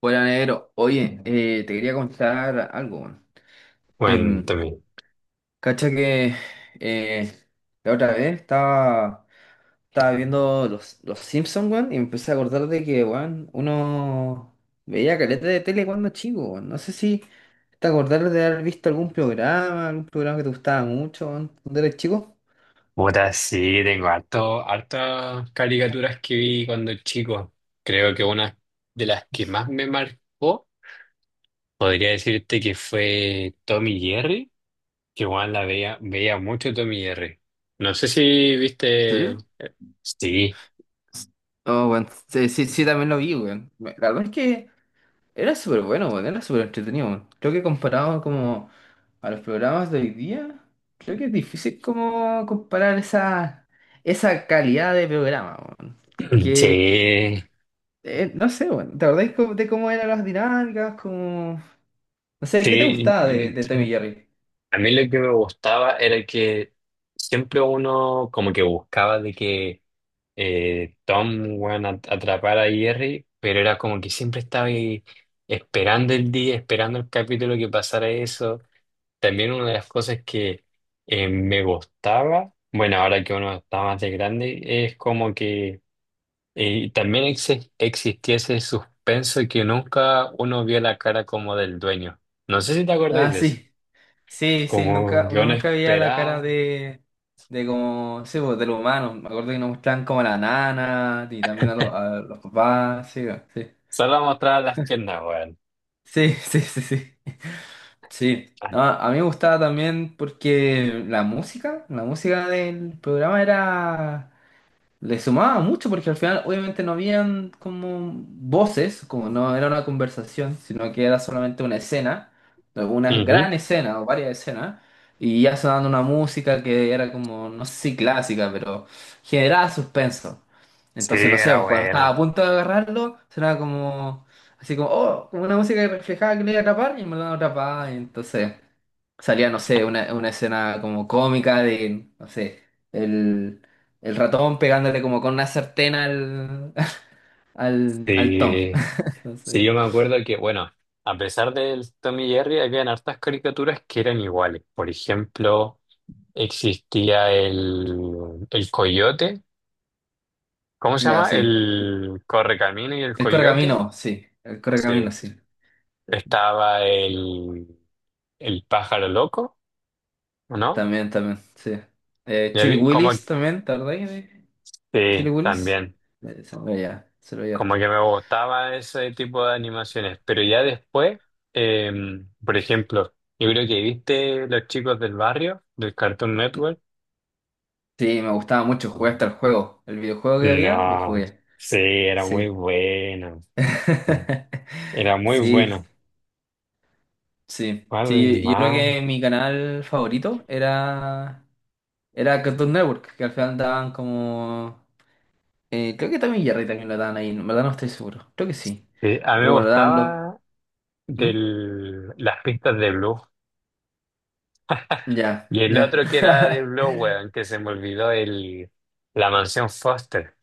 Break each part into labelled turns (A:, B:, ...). A: Hola, negro. Oye, te quería contar algo. Bueno. Em,
B: Cuéntame.
A: Cacha que eh, la otra vez estaba viendo los Simpsons, weón, y me empecé a acordar de que, weón, uno veía caleta de tele cuando chico, weón. No sé si te acordás de haber visto algún algún programa que te gustaba mucho, weón, cuando eras chico.
B: Puta, sí, tengo harto, hartas caricaturas que vi cuando chico. Creo que una de las que más me marcó, podría decirte que fue Tommy y Jerry, que igual la veía, veía mucho Tommy y Jerry. No sé si
A: ¿En
B: viste.
A: serio?
B: Sí,
A: Oh, weón, sí, sí, sí, también lo vi, weón. La verdad es que era súper bueno, weón, era súper entretenido, weón. Creo que comparado como a los programas de hoy día, creo que es difícil como comparar esa calidad de programa, weón. Que
B: sí,
A: no sé, weón, ¿te acordás de cómo eran las dinámicas? Como... No sé, ¿qué te
B: sí.
A: gustaba de Tommy y Jerry?
B: A mí lo que me gustaba era que siempre uno como que buscaba de que Tom weón, atrapara a Jerry, pero era como que siempre estaba ahí esperando el día, esperando el capítulo que pasara eso. También una de las cosas que me gustaba, bueno, ahora que uno está más de grande, es como que también existía ese suspenso que nunca uno vio la cara como del dueño. No sé si te acordáis
A: Ah,
B: de eso
A: sí, sí, sí,
B: como
A: nunca,
B: yo
A: uno
B: no
A: nunca veía la cara
B: esperaba.
A: de como, sí, pues, de los humanos. Me acuerdo que nos mostraban como a la nana y también los a los papás, sí, weón, sí.
B: Solo mostraba las piernas, weón.
A: Sí, sí, sí, sí. Sí.
B: Ay.
A: No, a mí me gustaba también porque la la música del programa era, le sumaba mucho porque al final obviamente no habían como voces, como no era una conversación, sino que era solamente una escena, una
B: Ujú.
A: gran escena o varias escenas, y ya sonando una música que era como, no sé si clásica, pero generaba suspenso.
B: Sí,
A: Entonces, no sé,
B: era
A: pues, cuando estaba
B: buena.
A: a punto de agarrarlo, sonaba como, así como, oh, como una música que reflejaba que le iba a atrapar y me lo atrapaba, y entonces salía, no sé, una escena como cómica de, no sé, el, el ratón pegándole como con una sartén al, al Tom.
B: Sí. Sí,
A: Entonces,
B: yo me acuerdo que, bueno, a pesar del Tommy y Jerry, habían hartas caricaturas que eran iguales. Por ejemplo, existía el coyote. ¿Cómo se
A: ya,
B: llama?
A: sí. Sí.
B: El correcamino y el
A: El
B: coyote.
A: correcamino, sí. El
B: Sí.
A: correcamino, sí.
B: Estaba el pájaro loco, ¿o no?
A: También, también, sí. Chili
B: Como,
A: Willis también, ¿te acordás de Chili
B: sí,
A: Willis?
B: también.
A: Se lo veía, se lo veía
B: Como
A: harto.
B: que me gustaba ese tipo de animaciones, pero ya después, eh, por ejemplo, yo creo que viste Los Chicos del Barrio, del Cartoon Network.
A: Sí, me gustaba mucho, jugué hasta el juego. El videojuego que había, lo
B: No,
A: jugué.
B: sí, era muy
A: Sí.
B: bueno. Era muy
A: Sí.
B: bueno.
A: Sí,
B: ¿Cuál
A: sí, yo creo
B: más?
A: que mi canal favorito era, era Cartoon Network, que al final daban como... Eh, creo que también Jerry también lo daban ahí, en verdad no estoy seguro, creo que sí.
B: Sí, a mí me
A: Pero bueno, daban los...
B: gustaba
A: ¿Mm?
B: del, las pistas de Blue.
A: Ya,
B: Y el
A: ya.
B: otro que era de Blue, weón, que se me olvidó, el, la mansión Foster.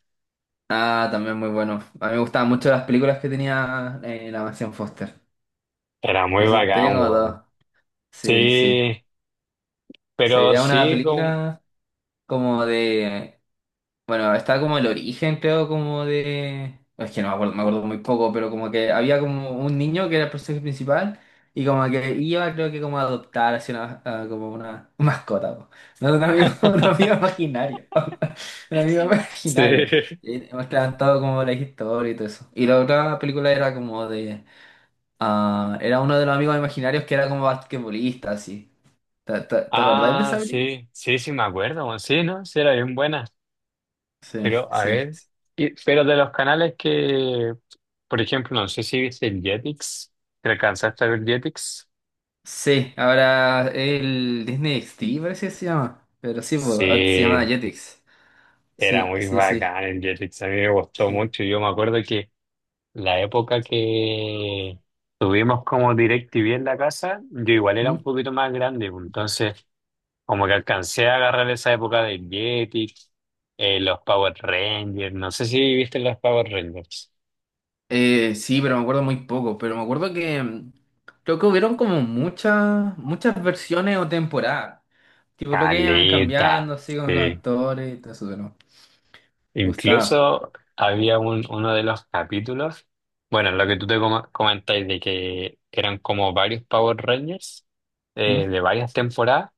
A: Ah, también muy bueno. A mí me gustaban mucho las películas que tenía la mansión Foster.
B: Era muy
A: Entonces tenía
B: bacán,
A: como
B: weón.
A: todo. Sí, sí.
B: Sí,
A: Se
B: pero
A: veía una
B: sí, con...
A: película como de bueno, estaba como el origen, creo, como de... Es que no me acuerdo, me acuerdo muy poco, pero como que había como un niño que era el personaje principal y como que iba, creo que como a adoptar así una, a como una mascota, po. No, un amigo, un amigo imaginario. Un amigo
B: Sí.
A: imaginario. Y mostraban todo como la historia y todo eso. Y la otra película era como de... Ah, era uno de los amigos imaginarios que era como basquetbolista, así. Te acordáis de
B: Ah,
A: esa película?
B: sí, sí, sí, me acuerdo, bueno, sí, ¿no? Sí, era bien buena.
A: Sí,
B: Pero, a
A: sí,
B: ver,
A: sí.
B: pero de los canales que, por ejemplo, no sé si viste el Jetix, ¿te alcanzaste a ver Jetix?
A: Sí, ahora el Disney XD parece que se llama. Pero sí, pues, antes se llamaba
B: Sí,
A: Jetix.
B: era
A: Sí,
B: muy
A: sí, sí,
B: bacán el Jetix, a mí me gustó
A: sí.
B: mucho. Yo me acuerdo que la época que tuvimos como DirecTV en la casa, yo igual era
A: ¿Mm?
B: un poquito más grande, pues, entonces como que alcancé a agarrar esa época de Jetix, los Power Rangers, no sé si viste los Power Rangers.
A: Sí, pero me acuerdo muy poco. Pero me acuerdo que creo que hubieron como muchas, muchas versiones o temporadas. Tipo, lo que iban
B: Caleta,
A: cambiando así con los
B: sí.
A: actores y todo eso, pero me gustaba.
B: Incluso había uno de los capítulos, bueno, lo que tú te comentáis de que eran como varios Power Rangers
A: ¿Mm?
B: de varias temporadas,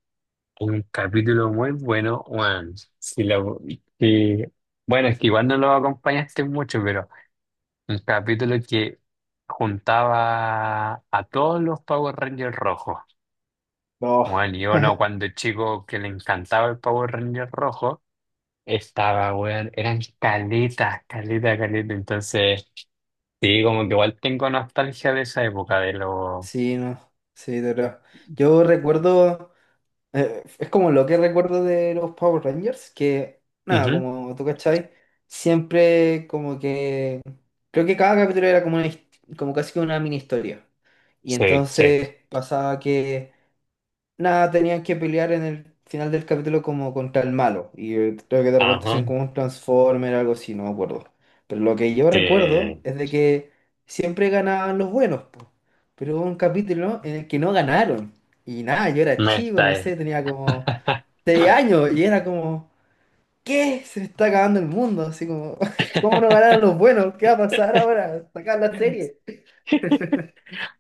B: un capítulo muy bueno, bueno, si lo, si- bueno, es que igual no lo acompañaste mucho, pero... Un capítulo que juntaba a todos los Power Rangers rojos.
A: No,
B: Bueno, y uno cuando chico que le encantaba el Power Ranger rojo, estaba, weón, eran caletas, caletas, caletas. Entonces, sí, como que igual tengo nostalgia de esa época, de los...
A: sí, no, sí, de verdad. Yo recuerdo. Es como lo que recuerdo de los Power Rangers, que nada,
B: Ujú,
A: como tú cachai, siempre como que creo que cada capítulo era como, como casi que una mini historia. Y
B: sí, sí.
A: entonces pasaba que nada, tenían que pelear en el final del capítulo como contra el malo. Y creo que de repente
B: Ajá.
A: hacían como un Transformer o algo así, no me acuerdo. Pero lo que yo recuerdo
B: Sí.
A: es de que siempre ganaban los buenos, po. Pero hubo un capítulo en el que no ganaron. Y nada, yo era
B: Me
A: chico,
B: está
A: no
B: ahí.
A: sé, tenía como seis años y era como, ¿qué? Se me está acabando el mundo, así como, ¿cómo no ganaron los buenos? ¿Qué va a pasar ahora? Sacar la serie.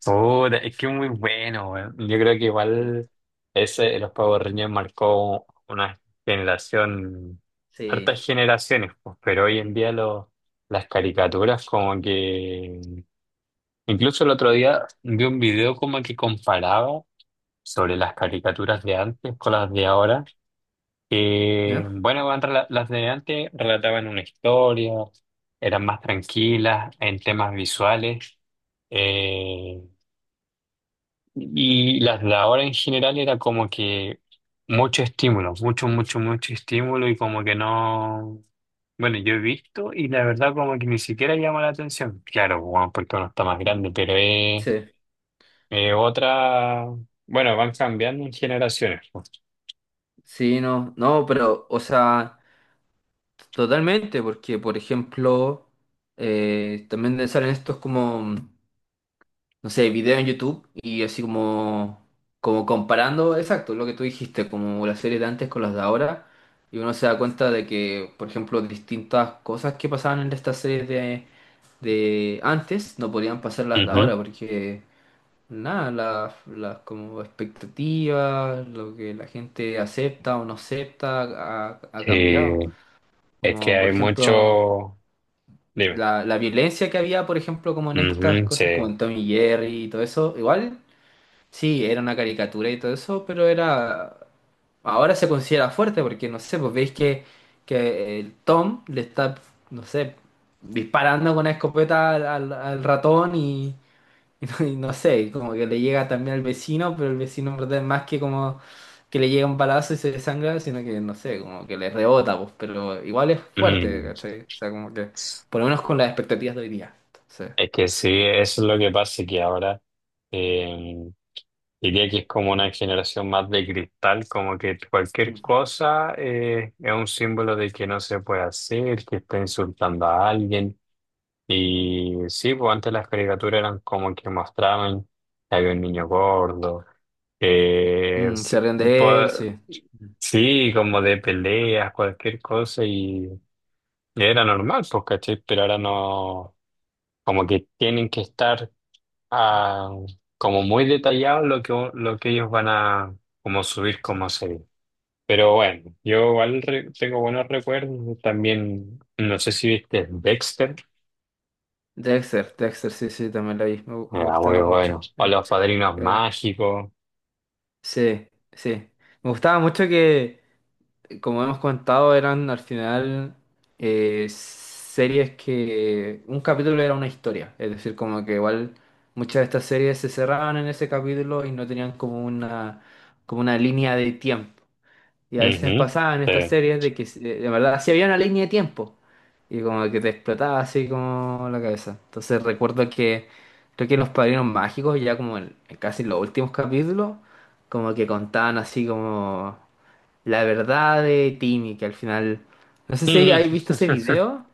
B: Puta, es que es muy bueno, weón. Yo creo que igual ese de los Power Rangers marcó una generación,
A: Sí.
B: hartas generaciones, pues, pero hoy en
A: Mm.
B: día las caricaturas como que... Incluso el otro día vi un video como que comparaba sobre las caricaturas de antes con las de ahora. Que,
A: ¿No?
B: bueno, weón, las de antes relataban una historia, eran más tranquilas en temas visuales. eh, y las de ahora en general era como que mucho estímulo, mucho, mucho, mucho estímulo y como que no... Bueno, yo he visto y la verdad como que ni siquiera llama la atención. Claro, bueno, porque uno está más
A: Mm.
B: grande, pero
A: Sí,
B: es otra... Bueno, van cambiando en generaciones. Pues.
A: sí, no, no, pero, o sea, totalmente, porque, por ejemplo, también salen estos como, no sé, videos en YouTube y así como, como comparando, exacto, lo que tú dijiste, como las series de antes con las de ahora, y uno se da cuenta de que, por ejemplo, distintas cosas que pasaban en estas series de antes no podían pasar las de
B: Ujú.
A: ahora porque nada, las como expectativas, lo que la gente acepta o no acepta ha
B: Sí,
A: cambiado.
B: es que
A: Como
B: hay
A: por ejemplo
B: mucho... Dime.
A: la violencia que había, por ejemplo, como en estas
B: Ujú,
A: cosas
B: sí.
A: como en Tommy Jerry y todo, igual, sí, caricatura y todo eso era ahora sí era fuerte porque no sé, pues veis que el Tom le está no sé, disparando con una escopeta al, al ratón y y no, no sé, como que le llega también al vecino, pero el vecino en verdad es más que como que le llega un balazo y se desangra, sino que no sé, como que le rebota, pues, pero igual es fuerte,
B: Mm.
A: ¿cachai? O sea, como que, por lo menos con las expectativas de hoy día. Entonces,
B: Es que sí, eso es lo que pasa, que ahora... Diría que es como una generación más de cristal, como que cualquier
A: mm.
B: cosa es un símbolo de que no se puede hacer, que está insultando a alguien. Y sí, pues antes las caricaturas eran como que mostraban que había un niño gordo, que
A: Mm,
B: se-
A: se ríen de
B: po-
A: él, sí.
B: sí, como de peleas, cualquier cosa, y, era normal, pues, ¿cachai? Pero ahora no, como que tienen que estar ah, como muy detallado lo que ellos van a como subir como serie. Pero bueno, yo igual tengo buenos recuerdos. También, no sé si viste Dexter.
A: Dexter, Dexter, sí, sí, también la vi, me, me
B: Era muy
A: gustaba mucho.
B: bueno. O Los Padrinos
A: Era-
B: Mágicos.
A: Sí, sí. Me gustaba mucho que, como hemos comentado, eran al final series que un capítulo era una historia, es decir, como que igual muchas de estas series se cerraban en ese capítulo y no tenían como una línea de tiempo. Y a veces
B: Ujú,
A: pasaba en estas
B: sí.
A: series de que de verdad sí había una línea de tiempo y como que te explotaba así como la cabeza. Entonces recuerdo que creo que Los Padrinos Mágicos ya como en casi los últimos capítulos como que contaban así como... La verdad de Timmy, que al final. No sé si habéis visto ese video.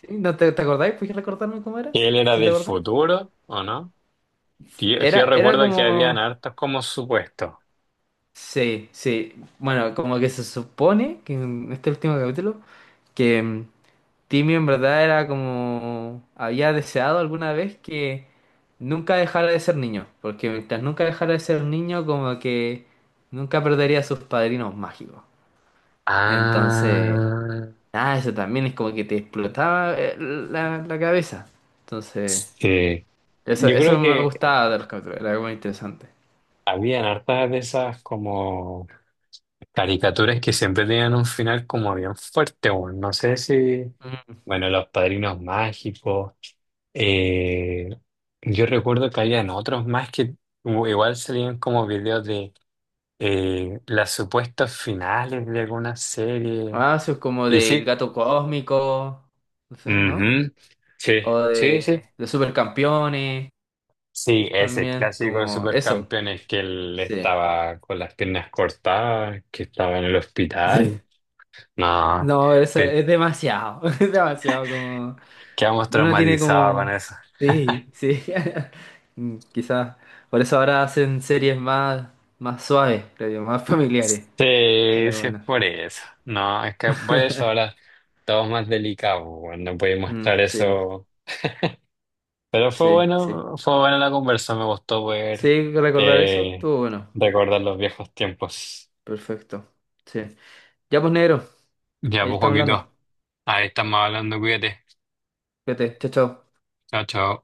A: ¿Sí? ¿No te acordáis? ¿Puedes recordarme cómo era?
B: Él era
A: ¿Sí te
B: del
A: acordás?
B: futuro, ¿o no? Yo
A: Era
B: recuerdo que habían
A: como.
B: hartos como supuestos.
A: Sí, sí. Bueno, como que se supone que en este último capítulo. Que Timmy en verdad era como. Había deseado alguna vez que nunca dejara de ser niño. Porque mientras nunca dejara de ser niño, como que nunca perdería a sus padrinos mágicos. Entonces.
B: Ah,
A: Ah, eso también es como que te explotaba la cabeza. Entonces,
B: sí. Yo
A: eso
B: creo
A: me
B: que
A: gustaba de los capítulos, era muy interesante.
B: habían hartas de esas como caricaturas que siempre tenían un final como bien fuerte, bueno, no sé si,
A: Ujú.
B: bueno, Los Padrinos Mágicos, eh, yo recuerdo que habían otros más que igual salían como videos de las supuestas finales de alguna serie,
A: Ah, eso es como
B: y
A: del
B: sí,
A: gato cósmico, no sé, ¿no?
B: ujú, sí,
A: O
B: sí, sí,
A: de supercampeones
B: sí, ese
A: también,
B: clásico de
A: como eso.
B: Supercampeones que él
A: Sí.
B: estaba con las piernas cortadas, que estaba en el
A: Sí.
B: hospital, no.
A: No, eso es demasiado, es demasiado como...
B: Quedamos
A: Uno tiene
B: traumatizados con
A: como...
B: eso.
A: Sí, sí. Mm, quizás. Por eso ahora hacen series más, más suaves, creo yo, más familiares.
B: Sí,
A: Pero
B: sí es
A: bueno.
B: por eso. No, es que por eso ahora todo es más delicado, weón, no puede mostrar
A: Mm, sí, va.
B: eso. Pero fue
A: Sí, sí.
B: bueno, fue buena la conversa, me gustó poder
A: Sí, recordar eso.
B: eh,
A: Estuvo bueno.
B: recordar los viejos tiempos.
A: Perfecto. Sí. Ya pues, negro.
B: Ya,
A: Ahí
B: pues,
A: estamos hablando.
B: Joaquito, ahí estamos hablando, cuídate.
A: Fíjate. Chao, chao.
B: Chao, chao.